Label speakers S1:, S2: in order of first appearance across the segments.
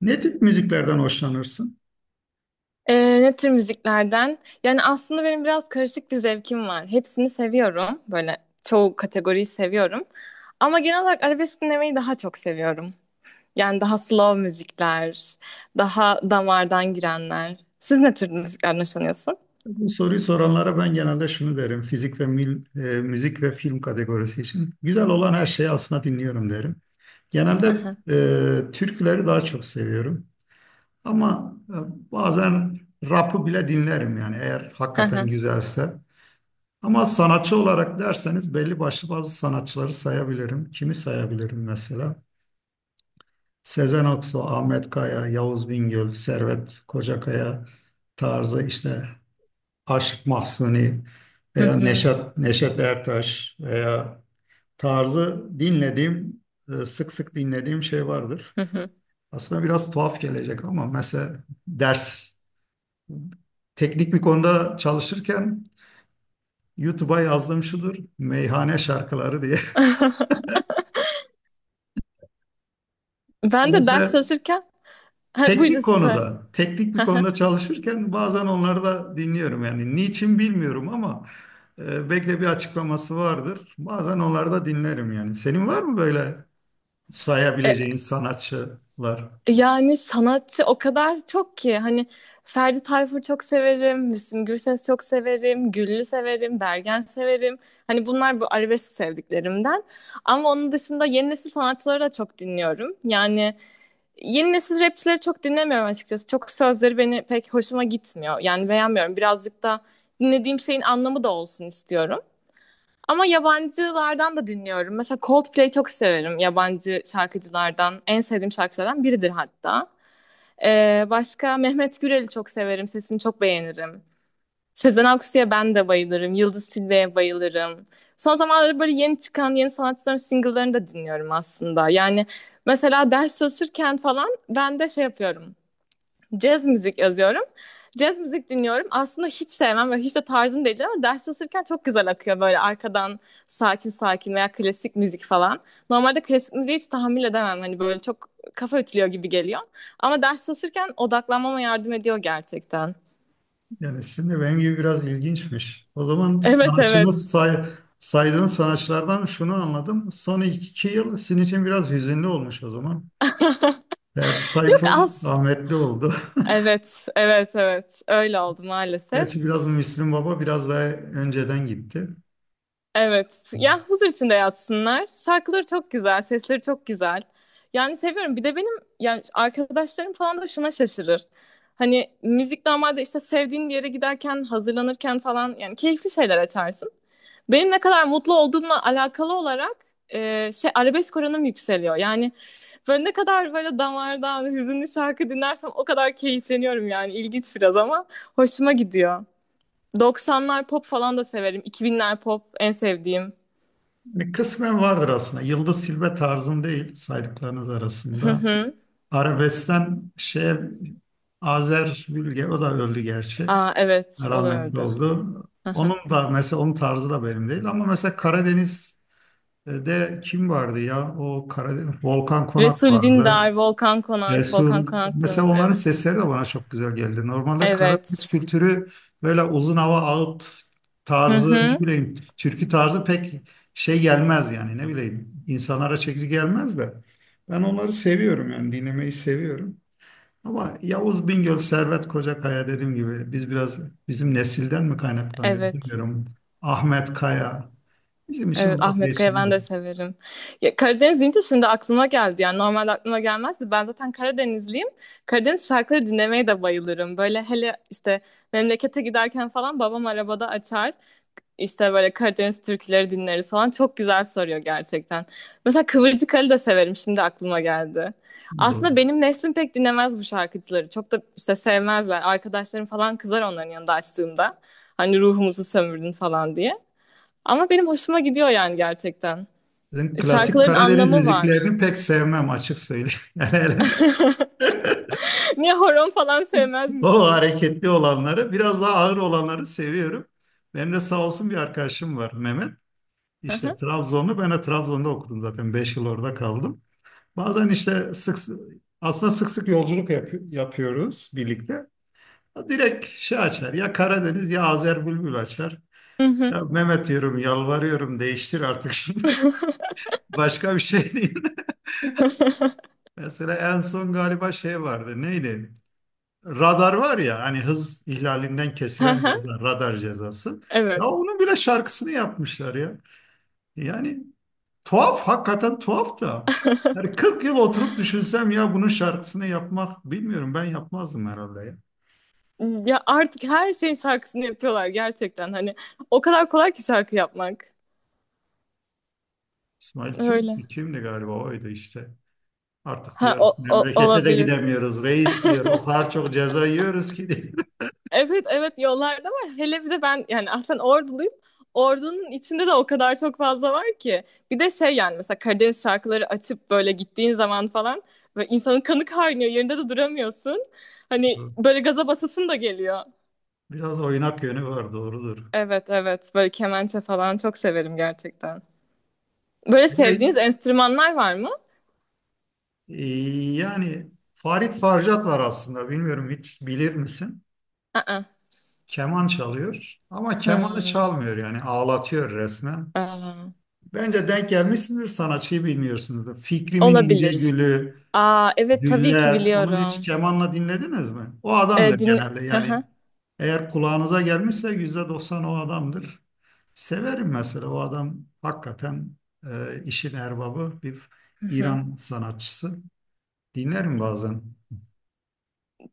S1: Ne tip müziklerden hoşlanırsın?
S2: Ne tür müziklerden? Yani aslında benim biraz karışık bir zevkim var. Hepsini seviyorum. Böyle çoğu kategoriyi seviyorum. Ama genel olarak arabesk dinlemeyi daha çok seviyorum. Yani daha slow müzikler, daha damardan girenler. Siz ne tür müziklerden hoşlanıyorsun?
S1: Bu soruyu soranlara ben genelde şunu derim. Fizik ve mil- e, Müzik ve film kategorisi için güzel olan her şeyi aslında dinliyorum derim.
S2: Hı
S1: Genelde
S2: hı,
S1: türküleri daha çok seviyorum. Ama bazen rap'ı bile dinlerim yani eğer
S2: hı
S1: hakikaten
S2: hı,
S1: güzelse. Ama sanatçı olarak derseniz belli başlı bazı sanatçıları sayabilirim. Kimi sayabilirim mesela? Sezen Aksu, Ahmet Kaya, Yavuz Bingöl, Servet Kocakaya tarzı işte Aşık Mahzuni
S2: hı
S1: veya
S2: hı,
S1: Neşet Ertaş veya tarzı dinlediğim, sık sık dinlediğim şey vardır.
S2: hı hı.
S1: Aslında biraz tuhaf gelecek ama mesela ders, teknik bir konuda çalışırken YouTube'a yazdığım şudur, meyhane şarkıları diye.
S2: Ben de ders
S1: Mesela
S2: çalışırken... Ha, buyurun size.
S1: teknik bir konuda çalışırken bazen onları da dinliyorum. Yani niçin bilmiyorum ama belki de bir açıklaması vardır. Bazen onları da dinlerim yani. Senin var mı böyle sayabileceğin sanatçılar?
S2: Yani sanatçı o kadar çok ki hani Ferdi Tayfur çok severim, Müslüm Gürses çok severim, Güllü severim, Bergen severim. Hani bunlar bu arabesk sevdiklerimden. Ama onun dışında yeni nesil sanatçıları da çok dinliyorum. Yani yeni nesil rapçileri çok dinlemiyorum açıkçası. Çok sözleri beni pek hoşuma gitmiyor. Yani beğenmiyorum. Birazcık da dinlediğim şeyin anlamı da olsun istiyorum. Ama yabancılardan da dinliyorum. Mesela Coldplay çok severim yabancı şarkıcılardan. En sevdiğim şarkıcılardan biridir hatta. Başka Mehmet Gürel'i çok severim. Sesini çok beğenirim. Sezen Aksu'ya ben de bayılırım. Yıldız Tilbe'ye bayılırım. Son zamanlarda böyle yeni çıkan yeni sanatçıların single'larını da dinliyorum aslında. Yani mesela ders çalışırken falan ben de şey yapıyorum. Caz müzik yazıyorum. Caz müzik dinliyorum. Aslında hiç sevmem ve hiç de tarzım değildir ama ders çalışırken çok güzel akıyor böyle arkadan sakin sakin veya klasik müzik falan. Normalde klasik müziği hiç tahammül edemem. Hani böyle çok kafa ütülüyor gibi geliyor. Ama ders çalışırken odaklanmama yardım ediyor gerçekten.
S1: Yani sizin de benim gibi biraz ilginçmiş. O zaman
S2: Evet evet.
S1: saydığınız sanatçılardan şunu anladım. Son 2 yıl sizin için biraz hüzünlü olmuş o zaman. Ferdi
S2: Yok
S1: Tayfur
S2: az.
S1: rahmetli oldu.
S2: Evet, evet, evet. Öyle oldu maalesef.
S1: Gerçi biraz Müslüm Baba biraz daha önceden gitti.
S2: Evet. Ya huzur içinde yatsınlar. Şarkıları çok güzel, sesleri çok güzel. Yani seviyorum. Bir de benim yani arkadaşlarım falan da şuna şaşırır. Hani müzik normalde işte sevdiğin bir yere giderken, hazırlanırken falan yani keyifli şeyler açarsın. Benim ne kadar mutlu olduğumla alakalı olarak arabesk oranım yükseliyor. Yani böyle ne kadar böyle damardan hüzünlü şarkı dinlersem o kadar keyifleniyorum yani. İlginç biraz ama hoşuma gidiyor. 90'lar pop falan da severim. 2000'ler pop en sevdiğim.
S1: Yani kısmen vardır aslında. Yıldız Silbe tarzım değil saydıklarınız
S2: Hı
S1: arasında.
S2: hı.
S1: Arabeskten şeye Azer Bülge o da öldü gerçi,
S2: Aa, evet o da
S1: rahmetli
S2: öldü.
S1: oldu.
S2: Hı hı.
S1: Onun da mesela onun tarzı da benim değil ama mesela Karadeniz'de kim vardı ya? O Karadeniz, Volkan Konak
S2: Resul
S1: vardı.
S2: Dindar, Volkan Konak. Volkan
S1: Resul.
S2: Konak da
S1: Mesela
S2: öldü
S1: onların
S2: evet.
S1: sesleri de bana çok güzel geldi. Normalde Karadeniz
S2: Evet.
S1: kültürü böyle uzun hava ağıt
S2: Hı
S1: tarzı ne
S2: hı.
S1: bileyim türkü tarzı pek şey gelmez yani ne bileyim insanlara çekici gelmez de ben onları seviyorum yani dinlemeyi seviyorum. Ama Yavuz Bingöl, Servet Kocakaya dediğim gibi biz biraz bizim nesilden mi kaynaklanıyor
S2: Evet.
S1: bilmiyorum. Ahmet Kaya bizim
S2: Evet
S1: için
S2: Ahmet Kaya ben
S1: vazgeçilmez.
S2: de severim. Ya, Karadeniz deyince şimdi aklıma geldi. Yani normalde aklıma gelmezdi. Ben zaten Karadenizliyim. Karadeniz şarkıları dinlemeye de bayılırım. Böyle hele işte memlekete giderken falan babam arabada açar. İşte böyle Karadeniz türküleri dinleriz falan. Çok güzel sarıyor gerçekten. Mesela Kıvırcık Ali de severim. Şimdi aklıma geldi.
S1: Doğru.
S2: Aslında benim neslim pek dinlemez bu şarkıcıları. Çok da işte sevmezler. Arkadaşlarım falan kızar onların yanında açtığımda. Hani ruhumuzu sömürdün falan diye. Ama benim hoşuma gidiyor yani gerçekten.
S1: Sizin klasik
S2: Şarkıların
S1: Karadeniz
S2: anlamı var.
S1: müziklerini pek sevmem, açık söyleyeyim. Yani hele
S2: Niye horon falan sevmez
S1: o
S2: misiniz?
S1: hareketli olanları biraz daha ağır olanları seviyorum. Benim de sağ olsun bir arkadaşım var, Mehmet.
S2: Hı
S1: İşte
S2: hı.
S1: Trabzonlu, ben de Trabzon'da okudum zaten. 5 yıl orada kaldım. Bazen işte aslında sık sık yolculuk yapıyoruz birlikte. Direkt şey açar. Ya Karadeniz ya Azer Bülbül açar.
S2: Hı hı.
S1: Ya Mehmet diyorum, yalvarıyorum, değiştir artık şimdi. Başka bir şey değil. Mesela en son galiba şey vardı. Neydi? Radar var ya, hani hız ihlalinden
S2: Hı
S1: kesilen
S2: hı.
S1: ceza, radar cezası. Ya
S2: Evet.
S1: onun bile şarkısını yapmışlar ya. Yani tuhaf, hakikaten tuhaf da. Yani 40 yıl oturup düşünsem ya, bunun şarkısını yapmak, bilmiyorum, ben yapmazdım herhalde ya.
S2: Ya artık her şeyin şarkısını yapıyorlar gerçekten hani o kadar kolay ki şarkı yapmak.
S1: İsmail Türk
S2: Öyle.
S1: mü? Kimdi galiba, oydu işte. Artık
S2: Ha
S1: diyor memlekete de
S2: olabilir.
S1: gidemiyoruz reis diyor. O kadar çok ceza yiyoruz ki diyor.
S2: Evet evet yollarda var. Hele bir de ben yani aslen Orduluyum. Ordunun içinde de o kadar çok fazla var ki. Bir de şey yani mesela Karadeniz şarkıları açıp böyle gittiğin zaman falan ve insanın kanı kaynıyor. Yerinde de duramıyorsun. Hani böyle gaza basasın da geliyor.
S1: Biraz oynak yönü var, doğrudur.
S2: Evet evet böyle kemençe falan çok severim gerçekten. Böyle
S1: Bir de
S2: sevdiğiniz
S1: hiç-
S2: enstrümanlar var mı?
S1: e, Yani Farid Farjat var aslında, bilmiyorum, hiç bilir misin? Keman çalıyor ama kemanı
S2: Hmm,
S1: çalmıyor, yani ağlatıyor resmen.
S2: aa,
S1: Bence denk gelmişsindir, sanatçıyı bilmiyorsunuzdur. Fikrimin İnce
S2: olabilir.
S1: Gülü,
S2: Aa, evet tabii ki
S1: Güller. Onun hiç
S2: biliyorum.
S1: kemanla dinlediniz mi? O
S2: Ee,
S1: adamdır
S2: din...
S1: genelde
S2: Hı hı,
S1: yani. Eğer kulağınıza gelmişse %90 o adamdır. Severim mesela, o adam hakikaten işin erbabı bir
S2: hı hı.
S1: İran sanatçısı. Dinlerim bazen.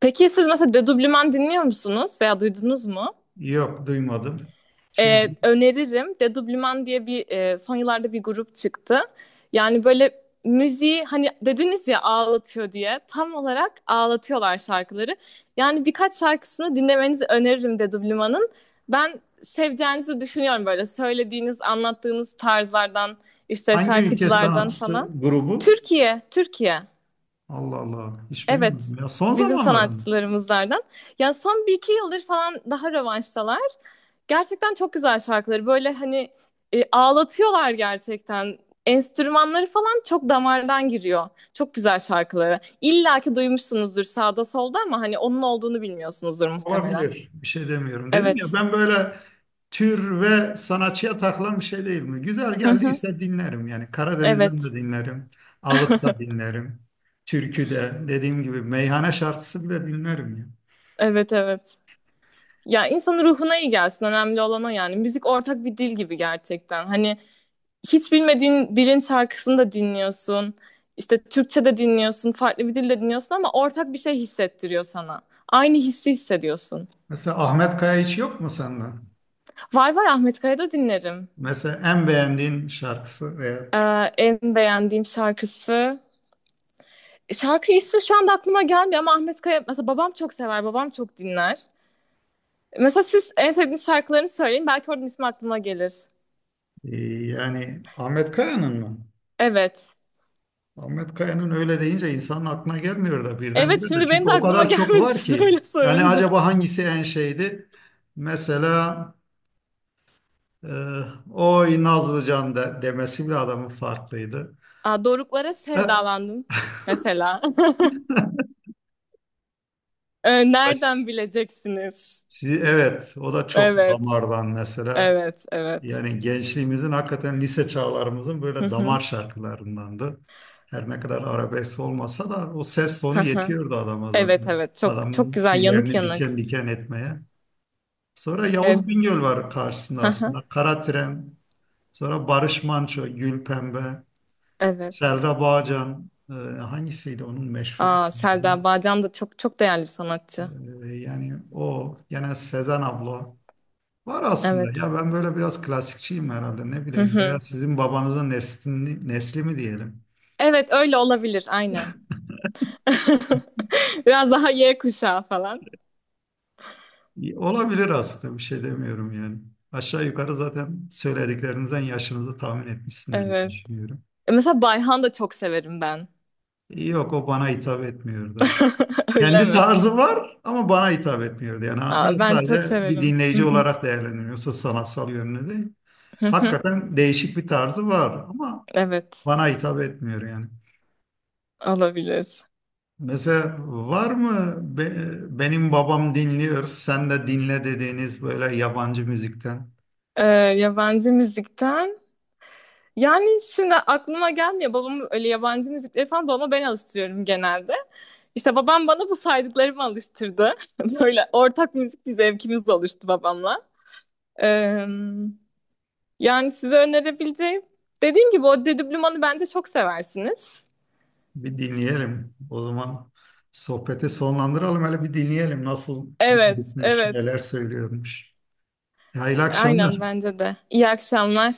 S2: Peki siz mesela dedublüman dinliyor musunuz veya duydunuz mu?
S1: Yok, duymadım. Kim?
S2: Öneririm. Dedoublement diye bir son yıllarda bir grup çıktı. Yani böyle müziği hani dediniz ya ağlatıyor diye tam olarak ağlatıyorlar şarkıları. Yani birkaç şarkısını dinlemenizi öneririm Dedoublement'ın. Ben seveceğinizi düşünüyorum böyle söylediğiniz, anlattığınız tarzlardan, işte
S1: Hangi ülke
S2: şarkıcılardan
S1: sanatçısı,
S2: falan.
S1: grubu?
S2: Türkiye, Türkiye.
S1: Allah Allah, hiç
S2: Evet,
S1: duymadım ya. Son
S2: bizim
S1: zamanların.
S2: sanatçılarımızlardan. Yani son bir iki yıldır falan daha rövanştalar. Gerçekten çok güzel şarkıları. Böyle hani ağlatıyorlar gerçekten. Enstrümanları falan çok damardan giriyor. Çok güzel şarkıları. İlla ki duymuşsunuzdur sağda solda ama hani onun olduğunu bilmiyorsunuzdur muhtemelen.
S1: Olabilir. Bir şey demiyorum. Dedim ya,
S2: Evet.
S1: ben böyle tür ve sanatçıya takılan bir şey değil mi? Güzel
S2: Hı hı.
S1: geldiyse dinlerim yani. Karadeniz'den de
S2: Evet.
S1: dinlerim. Ağıt da dinlerim. Türkü de, dediğim gibi, meyhane şarkısı bile dinlerim ya.
S2: Evet evet. Ya insanın ruhuna iyi gelsin. Önemli olan o yani. Müzik ortak bir dil gibi gerçekten. Hani hiç bilmediğin dilin şarkısını da dinliyorsun. İşte Türkçe de dinliyorsun, farklı bir dilde dinliyorsun ama ortak bir şey hissettiriyor sana. Aynı hissi hissediyorsun.
S1: Mesela Ahmet Kaya hiç yok mu senden?
S2: Var var Ahmet Kaya'da dinlerim.
S1: Mesela en beğendiğin şarkısı veya
S2: Ee, En beğendiğim şarkısı. Şarkı ismi şu anda aklıma gelmiyor ama Ahmet Kaya mesela babam çok sever, babam çok dinler. Mesela siz en sevdiğiniz şarkılarını söyleyin belki oradan ismi aklıma gelir.
S1: Yani Ahmet Kaya'nın mı?
S2: Evet.
S1: Ahmet Kaya'nın öyle deyince insanın aklına gelmiyor da
S2: Evet
S1: birdenbire de.
S2: şimdi benim
S1: Çünkü
S2: de
S1: o
S2: aklıma
S1: kadar çok
S2: gelmedi
S1: var
S2: siz öyle
S1: ki. Yani
S2: sorunca.
S1: acaba hangisi en şeydi? Mesela e, oy Nazlıcan de, demesi bile adamın farklıydı.
S2: Aa, Doruklara
S1: E,
S2: sevdalandım mesela.
S1: baş-
S2: Nereden bileceksiniz?
S1: evet, o da çok
S2: Evet,
S1: damardan mesela.
S2: evet, evet.
S1: Yani gençliğimizin, hakikaten lise çağlarımızın
S2: Hı
S1: böyle
S2: hı,
S1: damar şarkılarındandı. Her ne kadar arabesk olmasa da o ses tonu
S2: hı hı.
S1: yetiyordu adama
S2: Evet,
S1: zaten.
S2: evet. Çok çok
S1: Adamın
S2: güzel. Yanık
S1: tüylerini
S2: yanık.
S1: diken diken etmeye. Sonra
S2: Evet.
S1: Yavuz Bingöl var karşısında
S2: Hı hı.
S1: aslında. Karatren, sonra Barış Manço, Gülpembe,
S2: Evet.
S1: Selda Bağcan, hangisiydi onun meşhur?
S2: Aa, Selda Bağcan da çok çok değerli bir sanatçı.
S1: Yani o, gene Sezen abla. Var aslında
S2: Evet.
S1: ya, ben böyle biraz klasikçiyim herhalde, ne
S2: Hı
S1: bileyim, veya
S2: hı.
S1: sizin babanızın nesli mi diyelim.
S2: Evet, öyle olabilir. Aynen. Biraz daha Y kuşağı falan.
S1: E, olabilir aslında, bir şey demiyorum yani. Aşağı yukarı zaten söylediklerimizden yaşınızı tahmin etmişsindir diye
S2: Evet.
S1: düşünüyorum.
S2: Mesela Bayhan da çok severim ben.
S1: Yok, o bana hitap etmiyordu.
S2: Öyle
S1: Kendi
S2: mi?
S1: tarzı var ama bana hitap etmiyordu. Yani ha, ben
S2: Aa, ben çok
S1: sadece bir
S2: severim. Hı
S1: dinleyici
S2: hı,
S1: olarak değerlendiriyorum. Yoksa sanatsal yönünü değil.
S2: hı hı.
S1: Hakikaten değişik bir tarzı var ama
S2: Evet,
S1: bana hitap etmiyor yani.
S2: olabilir.
S1: Mesela var mı benim babam dinliyor, sen de dinle dediğiniz böyle yabancı müzikten
S2: Ee, Yabancı müzikten. Yani şimdi aklıma gelmiyor. Babam öyle yabancı müzikleri falan babama ben alıştırıyorum genelde. İşte babam bana bu saydıklarımı alıştırdı. Böyle ortak müzik bir zevkimiz oluştu babamla. Ee, Yani size önerebileceğim. Dediğim gibi o Dedi Bluman'ı bence çok seversiniz.
S1: bir dinleyelim. O zaman sohbeti sonlandıralım, hele bir dinleyelim nasıl bir
S2: Evet,
S1: grupmuş,
S2: evet.
S1: neler söylüyormuş. Hayırlı
S2: Aynen
S1: akşamlar.
S2: bence de. İyi akşamlar.